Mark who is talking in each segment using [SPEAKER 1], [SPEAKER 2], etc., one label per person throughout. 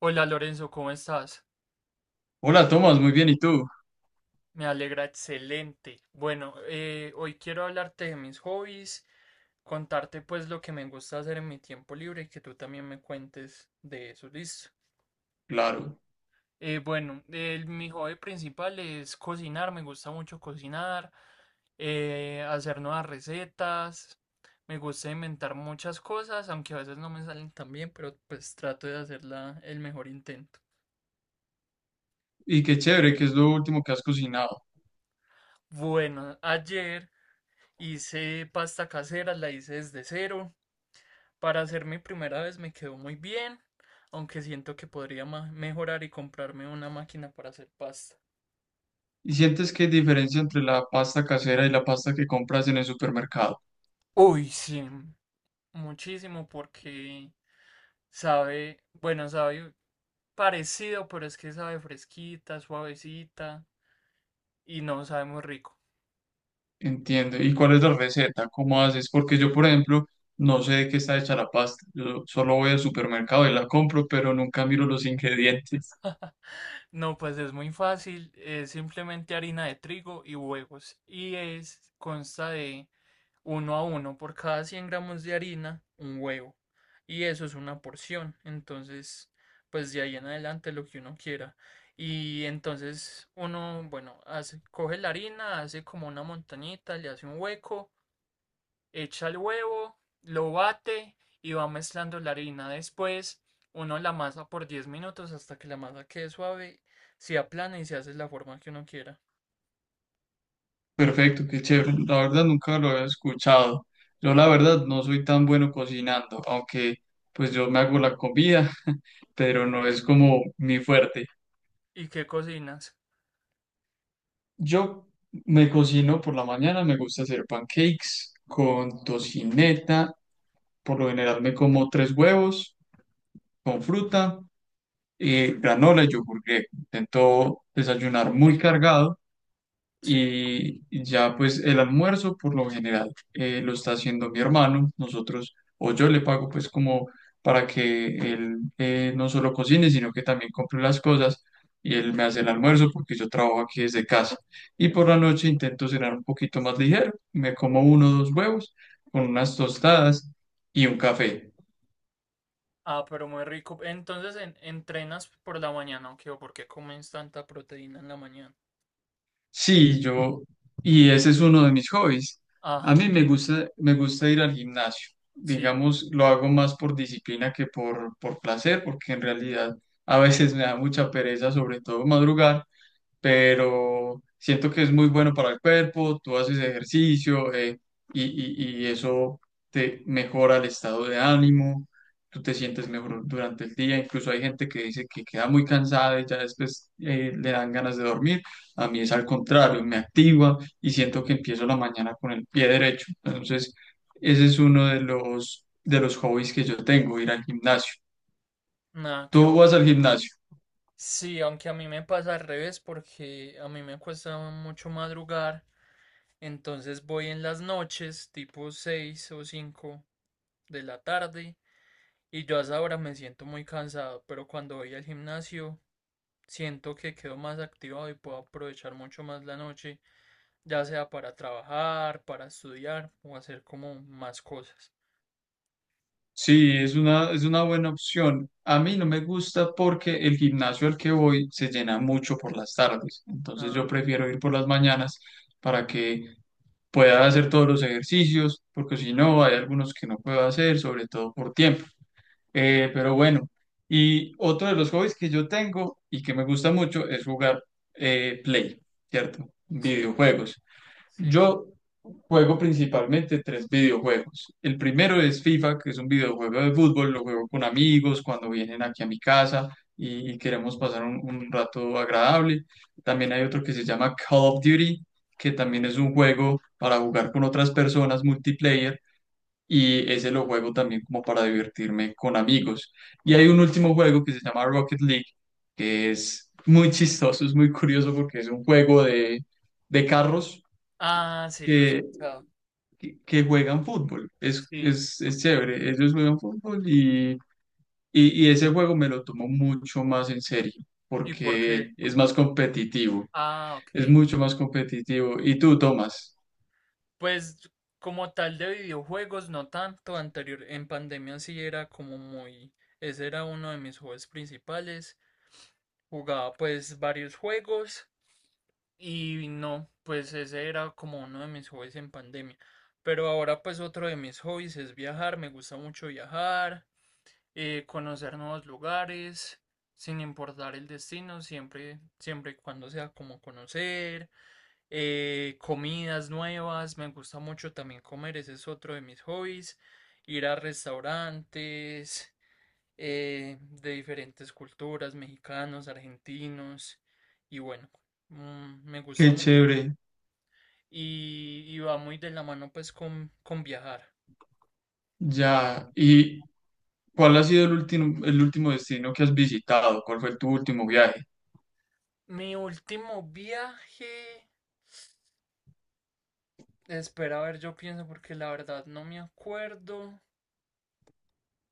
[SPEAKER 1] Hola Lorenzo, ¿cómo estás?
[SPEAKER 2] Hola Tomás, muy bien, ¿y tú?
[SPEAKER 1] Me alegra, excelente. Bueno, hoy quiero hablarte de mis hobbies, contarte pues lo que me gusta hacer en mi tiempo libre y que tú también me cuentes de eso, listo.
[SPEAKER 2] Claro.
[SPEAKER 1] Bueno, mi hobby principal es cocinar, me gusta mucho cocinar, hacer nuevas recetas, me gusta inventar muchas cosas, aunque a veces no me salen tan bien, pero pues trato de hacerla el mejor intento.
[SPEAKER 2] Y qué chévere, ¿que es lo último que has cocinado?
[SPEAKER 1] Bueno, ayer... hice pasta casera, la hice desde cero. Para hacer mi primera vez me quedó muy bien, aunque siento que podría mejorar y comprarme una máquina para hacer pasta.
[SPEAKER 2] ¿Y sientes que hay diferencia entre la pasta casera y la pasta que compras en el supermercado?
[SPEAKER 1] Uy, sí, muchísimo porque sabe, bueno, sabe parecido, pero es que sabe fresquita, suavecita y no sabe muy rico.
[SPEAKER 2] Entiendo. ¿Y cuál es la receta? ¿Cómo haces? Porque yo, por ejemplo, no sé de qué está hecha la pasta. Yo solo voy al supermercado y la compro, pero nunca miro los ingredientes.
[SPEAKER 1] No, pues es muy fácil, es simplemente harina de trigo y huevos y es consta de uno a uno por cada 100 gramos de harina, un huevo. Y eso es una porción. Entonces, pues de ahí en adelante lo que uno quiera. Y entonces uno, bueno, hace, coge la harina, hace como una montañita, le hace un hueco, echa el huevo, lo bate y va mezclando la harina. Después uno la masa por 10 minutos hasta que la masa quede suave, se aplana y se hace la forma que uno quiera.
[SPEAKER 2] Perfecto, qué chévere. La verdad nunca lo había escuchado. Yo la verdad no soy tan bueno cocinando, aunque pues yo me hago la comida, pero no es como mi fuerte.
[SPEAKER 1] ¿Y qué cocinas?
[SPEAKER 2] Yo me cocino por la mañana, me gusta hacer pancakes con tocineta, por lo general me como tres huevos con fruta, granola y yogur griego. Intento desayunar muy cargado
[SPEAKER 1] Sí.
[SPEAKER 2] y ya pues el almuerzo por lo general lo está haciendo mi hermano, nosotros, o yo le pago pues como para que él no solo cocine, sino que también compre las cosas y él me hace el almuerzo porque yo trabajo aquí desde casa. Y por la noche intento cenar un poquito más ligero, me como uno o dos huevos con unas tostadas y un café.
[SPEAKER 1] Ah, pero muy rico. Entonces, ¿entrenas por la mañana o qué? ¿O por qué comes tanta proteína en la mañana?
[SPEAKER 2] Sí, yo, y ese es uno de mis hobbies.
[SPEAKER 1] Ah,
[SPEAKER 2] A mí
[SPEAKER 1] ok.
[SPEAKER 2] me gusta ir al gimnasio.
[SPEAKER 1] Sí.
[SPEAKER 2] Digamos, lo hago más por disciplina que por placer, porque en realidad a veces me da mucha pereza, sobre todo madrugar, pero siento que es muy bueno para el cuerpo. Tú haces ejercicio y eso te mejora el estado de ánimo, tú te sientes mejor durante el día, incluso hay gente que dice que queda muy cansada y ya después le dan ganas de dormir, a mí es al contrario, me activa y siento que empiezo la mañana con el pie derecho. Entonces ese es uno de los hobbies que yo tengo, ir al gimnasio.
[SPEAKER 1] Nada, qué
[SPEAKER 2] ¿Tú
[SPEAKER 1] bueno.
[SPEAKER 2] vas al gimnasio?
[SPEAKER 1] Sí, aunque a mí me pasa al revés porque a mí me cuesta mucho madrugar. Entonces voy en las noches, tipo 6 o 5 de la tarde. Y yo a esa hora me siento muy cansado. Pero cuando voy al gimnasio... siento que quedo más activado y puedo aprovechar mucho más la noche, ya sea para trabajar, para estudiar o hacer como más cosas.
[SPEAKER 2] Sí, es una buena opción. A mí no me gusta porque el gimnasio al que voy se llena mucho por las tardes. Entonces yo
[SPEAKER 1] Ah,
[SPEAKER 2] prefiero ir por las mañanas para que pueda hacer todos los ejercicios, porque si no, hay algunos que no puedo hacer, sobre todo por tiempo. Pero bueno, y otro de los hobbies que yo tengo y que me gusta mucho es jugar Play, ¿cierto?
[SPEAKER 1] sí,
[SPEAKER 2] Videojuegos.
[SPEAKER 1] sí, sí.
[SPEAKER 2] Yo juego principalmente tres videojuegos. El primero es FIFA, que es un videojuego de fútbol, lo juego con amigos cuando vienen aquí a mi casa y, queremos pasar un rato agradable. También hay otro que se llama Call of Duty, que también es un juego para jugar con otras personas, multiplayer, y ese lo juego también como para divertirme con amigos. Y hay un último juego que se llama Rocket League, que es muy chistoso, es muy curioso porque es un juego de carros
[SPEAKER 1] Ah, sí, lo he
[SPEAKER 2] que
[SPEAKER 1] escuchado.
[SPEAKER 2] que juegan fútbol. Es,
[SPEAKER 1] Sí.
[SPEAKER 2] es, es chévere, ellos juegan fútbol y ese juego me lo tomo mucho más en serio
[SPEAKER 1] ¿Y por
[SPEAKER 2] porque
[SPEAKER 1] qué?
[SPEAKER 2] es más competitivo,
[SPEAKER 1] Ah,
[SPEAKER 2] es
[SPEAKER 1] ok.
[SPEAKER 2] mucho más competitivo. Y tú, Tomás,
[SPEAKER 1] Pues como tal de videojuegos, no tanto. Anterior, en pandemia sí era como muy... ese era uno de mis hobbies principales. Jugaba pues varios juegos. Y no, pues ese era como uno de mis hobbies en pandemia. Pero ahora pues otro de mis hobbies es viajar, me gusta mucho viajar, conocer nuevos lugares, sin importar el destino, siempre, siempre y cuando sea como conocer, comidas nuevas, me gusta mucho también comer, ese es otro de mis hobbies, ir a restaurantes de diferentes culturas, mexicanos, argentinos, y bueno, mm, me gusta
[SPEAKER 2] qué
[SPEAKER 1] mucho
[SPEAKER 2] chévere,
[SPEAKER 1] y va muy de la mano pues con viajar.
[SPEAKER 2] ya. ¿Y cuál ha sido el último destino que has visitado? ¿Cuál fue tu último viaje?
[SPEAKER 1] Mi último viaje, espera a ver, yo pienso porque la verdad no me acuerdo,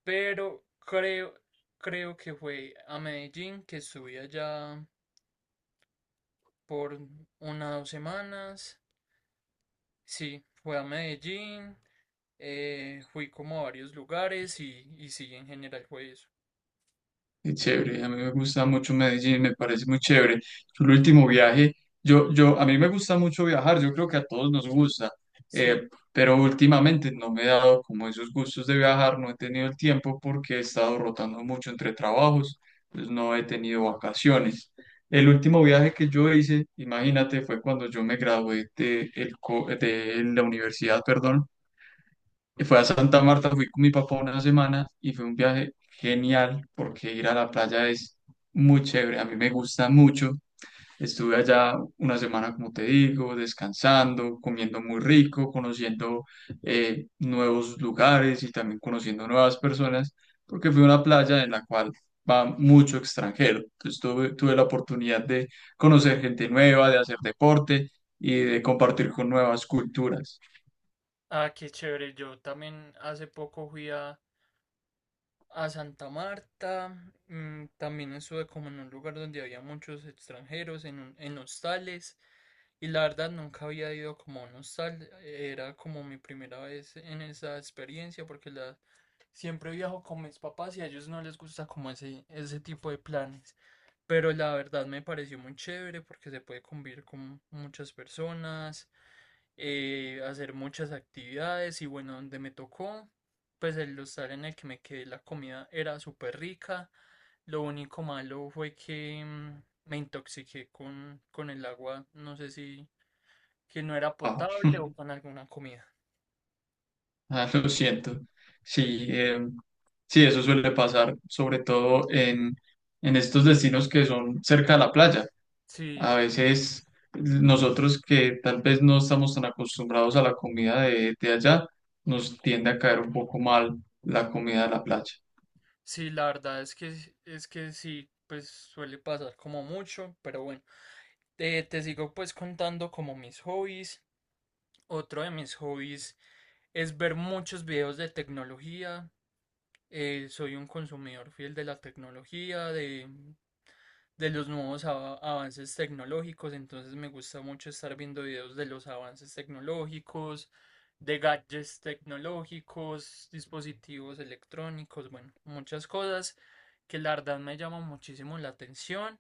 [SPEAKER 1] pero creo, creo que fue a Medellín, que estuve allá por unas 2 semanas. Sí, fue a Medellín, fui como a varios lugares y sí, en general fue eso.
[SPEAKER 2] Qué chévere, a mí me gusta mucho Medellín, me parece muy chévere. Yo el último viaje, yo, a mí me gusta mucho viajar, yo creo que a todos nos gusta,
[SPEAKER 1] Sí.
[SPEAKER 2] pero últimamente no me he dado como esos gustos de viajar, no he tenido el tiempo porque he estado rotando mucho entre trabajos, pues no he tenido vacaciones. El último viaje que yo hice, imagínate, fue cuando yo me gradué de, el de la universidad, perdón, y fue a Santa Marta, fui con mi papá una semana y fue un viaje genial porque ir a la playa es muy chévere, a mí me gusta mucho. Estuve allá una semana, como te digo, descansando, comiendo muy rico, conociendo nuevos lugares y también conociendo nuevas personas, porque fue una playa en la cual va mucho extranjero. Entonces tuve la oportunidad de conocer gente nueva, de hacer deporte y de compartir con nuevas culturas.
[SPEAKER 1] Ah, qué chévere. Yo también hace poco fui a Santa Marta, mm, también estuve como en un lugar donde había muchos extranjeros, en hostales, y la verdad nunca había ido como a un hostal, era como mi primera vez en esa experiencia, siempre viajo con mis papás y a ellos no les gusta como ese tipo de planes. Pero la verdad me pareció muy chévere porque se puede convivir con muchas personas, hacer muchas actividades y bueno, donde me tocó, pues el hostal en el que me quedé, la comida era súper rica. Lo único malo fue que mm, me intoxiqué con el agua, no sé si que no era
[SPEAKER 2] Ah.
[SPEAKER 1] potable o con alguna comida.
[SPEAKER 2] Ah, lo siento. Sí, sí, eso suele pasar, sobre todo en estos destinos que son cerca de la playa.
[SPEAKER 1] Sí,
[SPEAKER 2] A veces nosotros, que tal vez no estamos tan acostumbrados a la comida de allá, nos tiende a caer un poco mal la comida de la playa.
[SPEAKER 1] sí, la verdad es que sí, pues suele pasar como mucho, pero bueno, te sigo pues contando como mis hobbies. Otro de mis hobbies es ver muchos videos de tecnología. Soy un consumidor fiel de la tecnología, de los nuevos avances tecnológicos, entonces me gusta mucho estar viendo videos de los avances tecnológicos, de gadgets tecnológicos, dispositivos electrónicos, bueno, muchas cosas que la verdad me llaman muchísimo la atención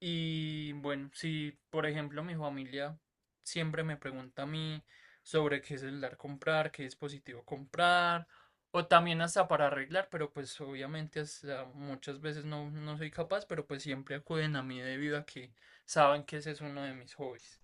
[SPEAKER 1] y bueno, si por ejemplo mi familia siempre me pregunta a mí sobre qué celular comprar, qué dispositivo comprar, o también hasta para arreglar, pero pues obviamente hasta muchas veces no, no soy capaz, pero pues siempre acuden a mí debido a que saben que ese es uno de mis hobbies.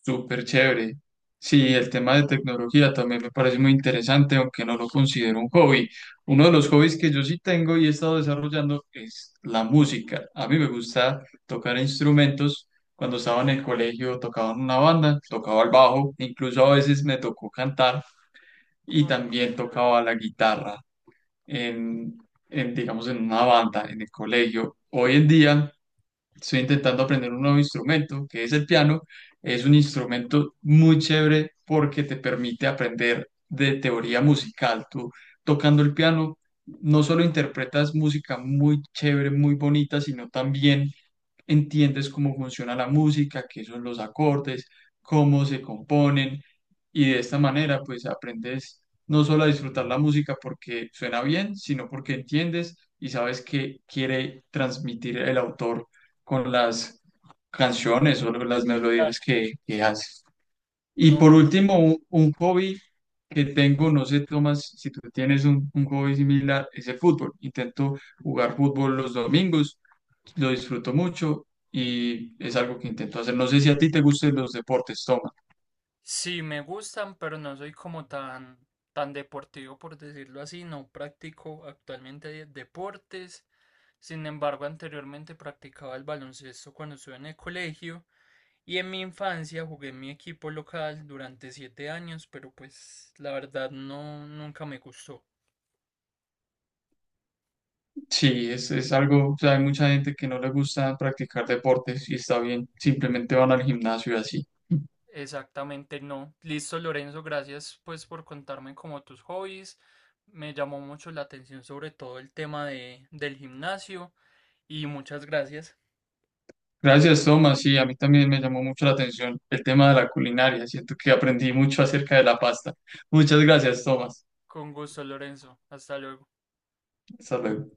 [SPEAKER 2] Súper chévere. Sí, el tema de tecnología también me parece muy interesante, aunque no lo considero un hobby. Uno de los hobbies que yo sí tengo y he estado desarrollando es la música. A mí me gusta tocar instrumentos. Cuando estaba en el colegio tocaba en una banda, tocaba el bajo, incluso a veces me tocó cantar y
[SPEAKER 1] Mm,
[SPEAKER 2] también
[SPEAKER 1] chévere.
[SPEAKER 2] tocaba la guitarra en, en digamos, en una banda en el colegio. Hoy en día estoy intentando aprender un nuevo instrumento, que es el piano. Es un instrumento muy chévere porque te permite aprender de teoría musical. Tú tocando el piano no solo interpretas música muy chévere, muy bonita, sino también entiendes cómo funciona la música, qué son los acordes, cómo se componen y de esta manera pues aprendes no solo a disfrutar la música porque suena bien, sino porque entiendes y sabes qué quiere transmitir el autor con las canciones o las
[SPEAKER 1] Claro,
[SPEAKER 2] melodías que
[SPEAKER 1] sí,
[SPEAKER 2] hace. Y
[SPEAKER 1] no,
[SPEAKER 2] por último, un hobby que tengo, no sé, Tomás, si tú tienes un hobby similar, es el fútbol. Intento jugar fútbol los domingos, lo disfruto mucho y es algo que intento hacer. No sé si a ti te gusten los deportes, Tomás.
[SPEAKER 1] sí, me gustan, pero no soy como tan, tan deportivo, por decirlo así. No practico actualmente deportes. Sin embargo, anteriormente practicaba el baloncesto cuando estuve en el colegio y en mi infancia jugué en mi equipo local durante 7 años, pero pues la verdad no, nunca me gustó.
[SPEAKER 2] Sí, es algo, o sea, hay mucha gente que no le gusta practicar deportes y está bien, simplemente van al gimnasio y así.
[SPEAKER 1] Exactamente no. Listo, Lorenzo, gracias pues por contarme como tus hobbies. Me llamó mucho la atención sobre todo el tema de, del gimnasio y muchas gracias.
[SPEAKER 2] Gracias, Tomás. Sí, a mí también me llamó mucho la atención el tema de la culinaria. Siento que aprendí mucho acerca de la pasta. Muchas gracias, Tomás.
[SPEAKER 1] Con gusto, Lorenzo. Hasta luego.
[SPEAKER 2] Hasta luego.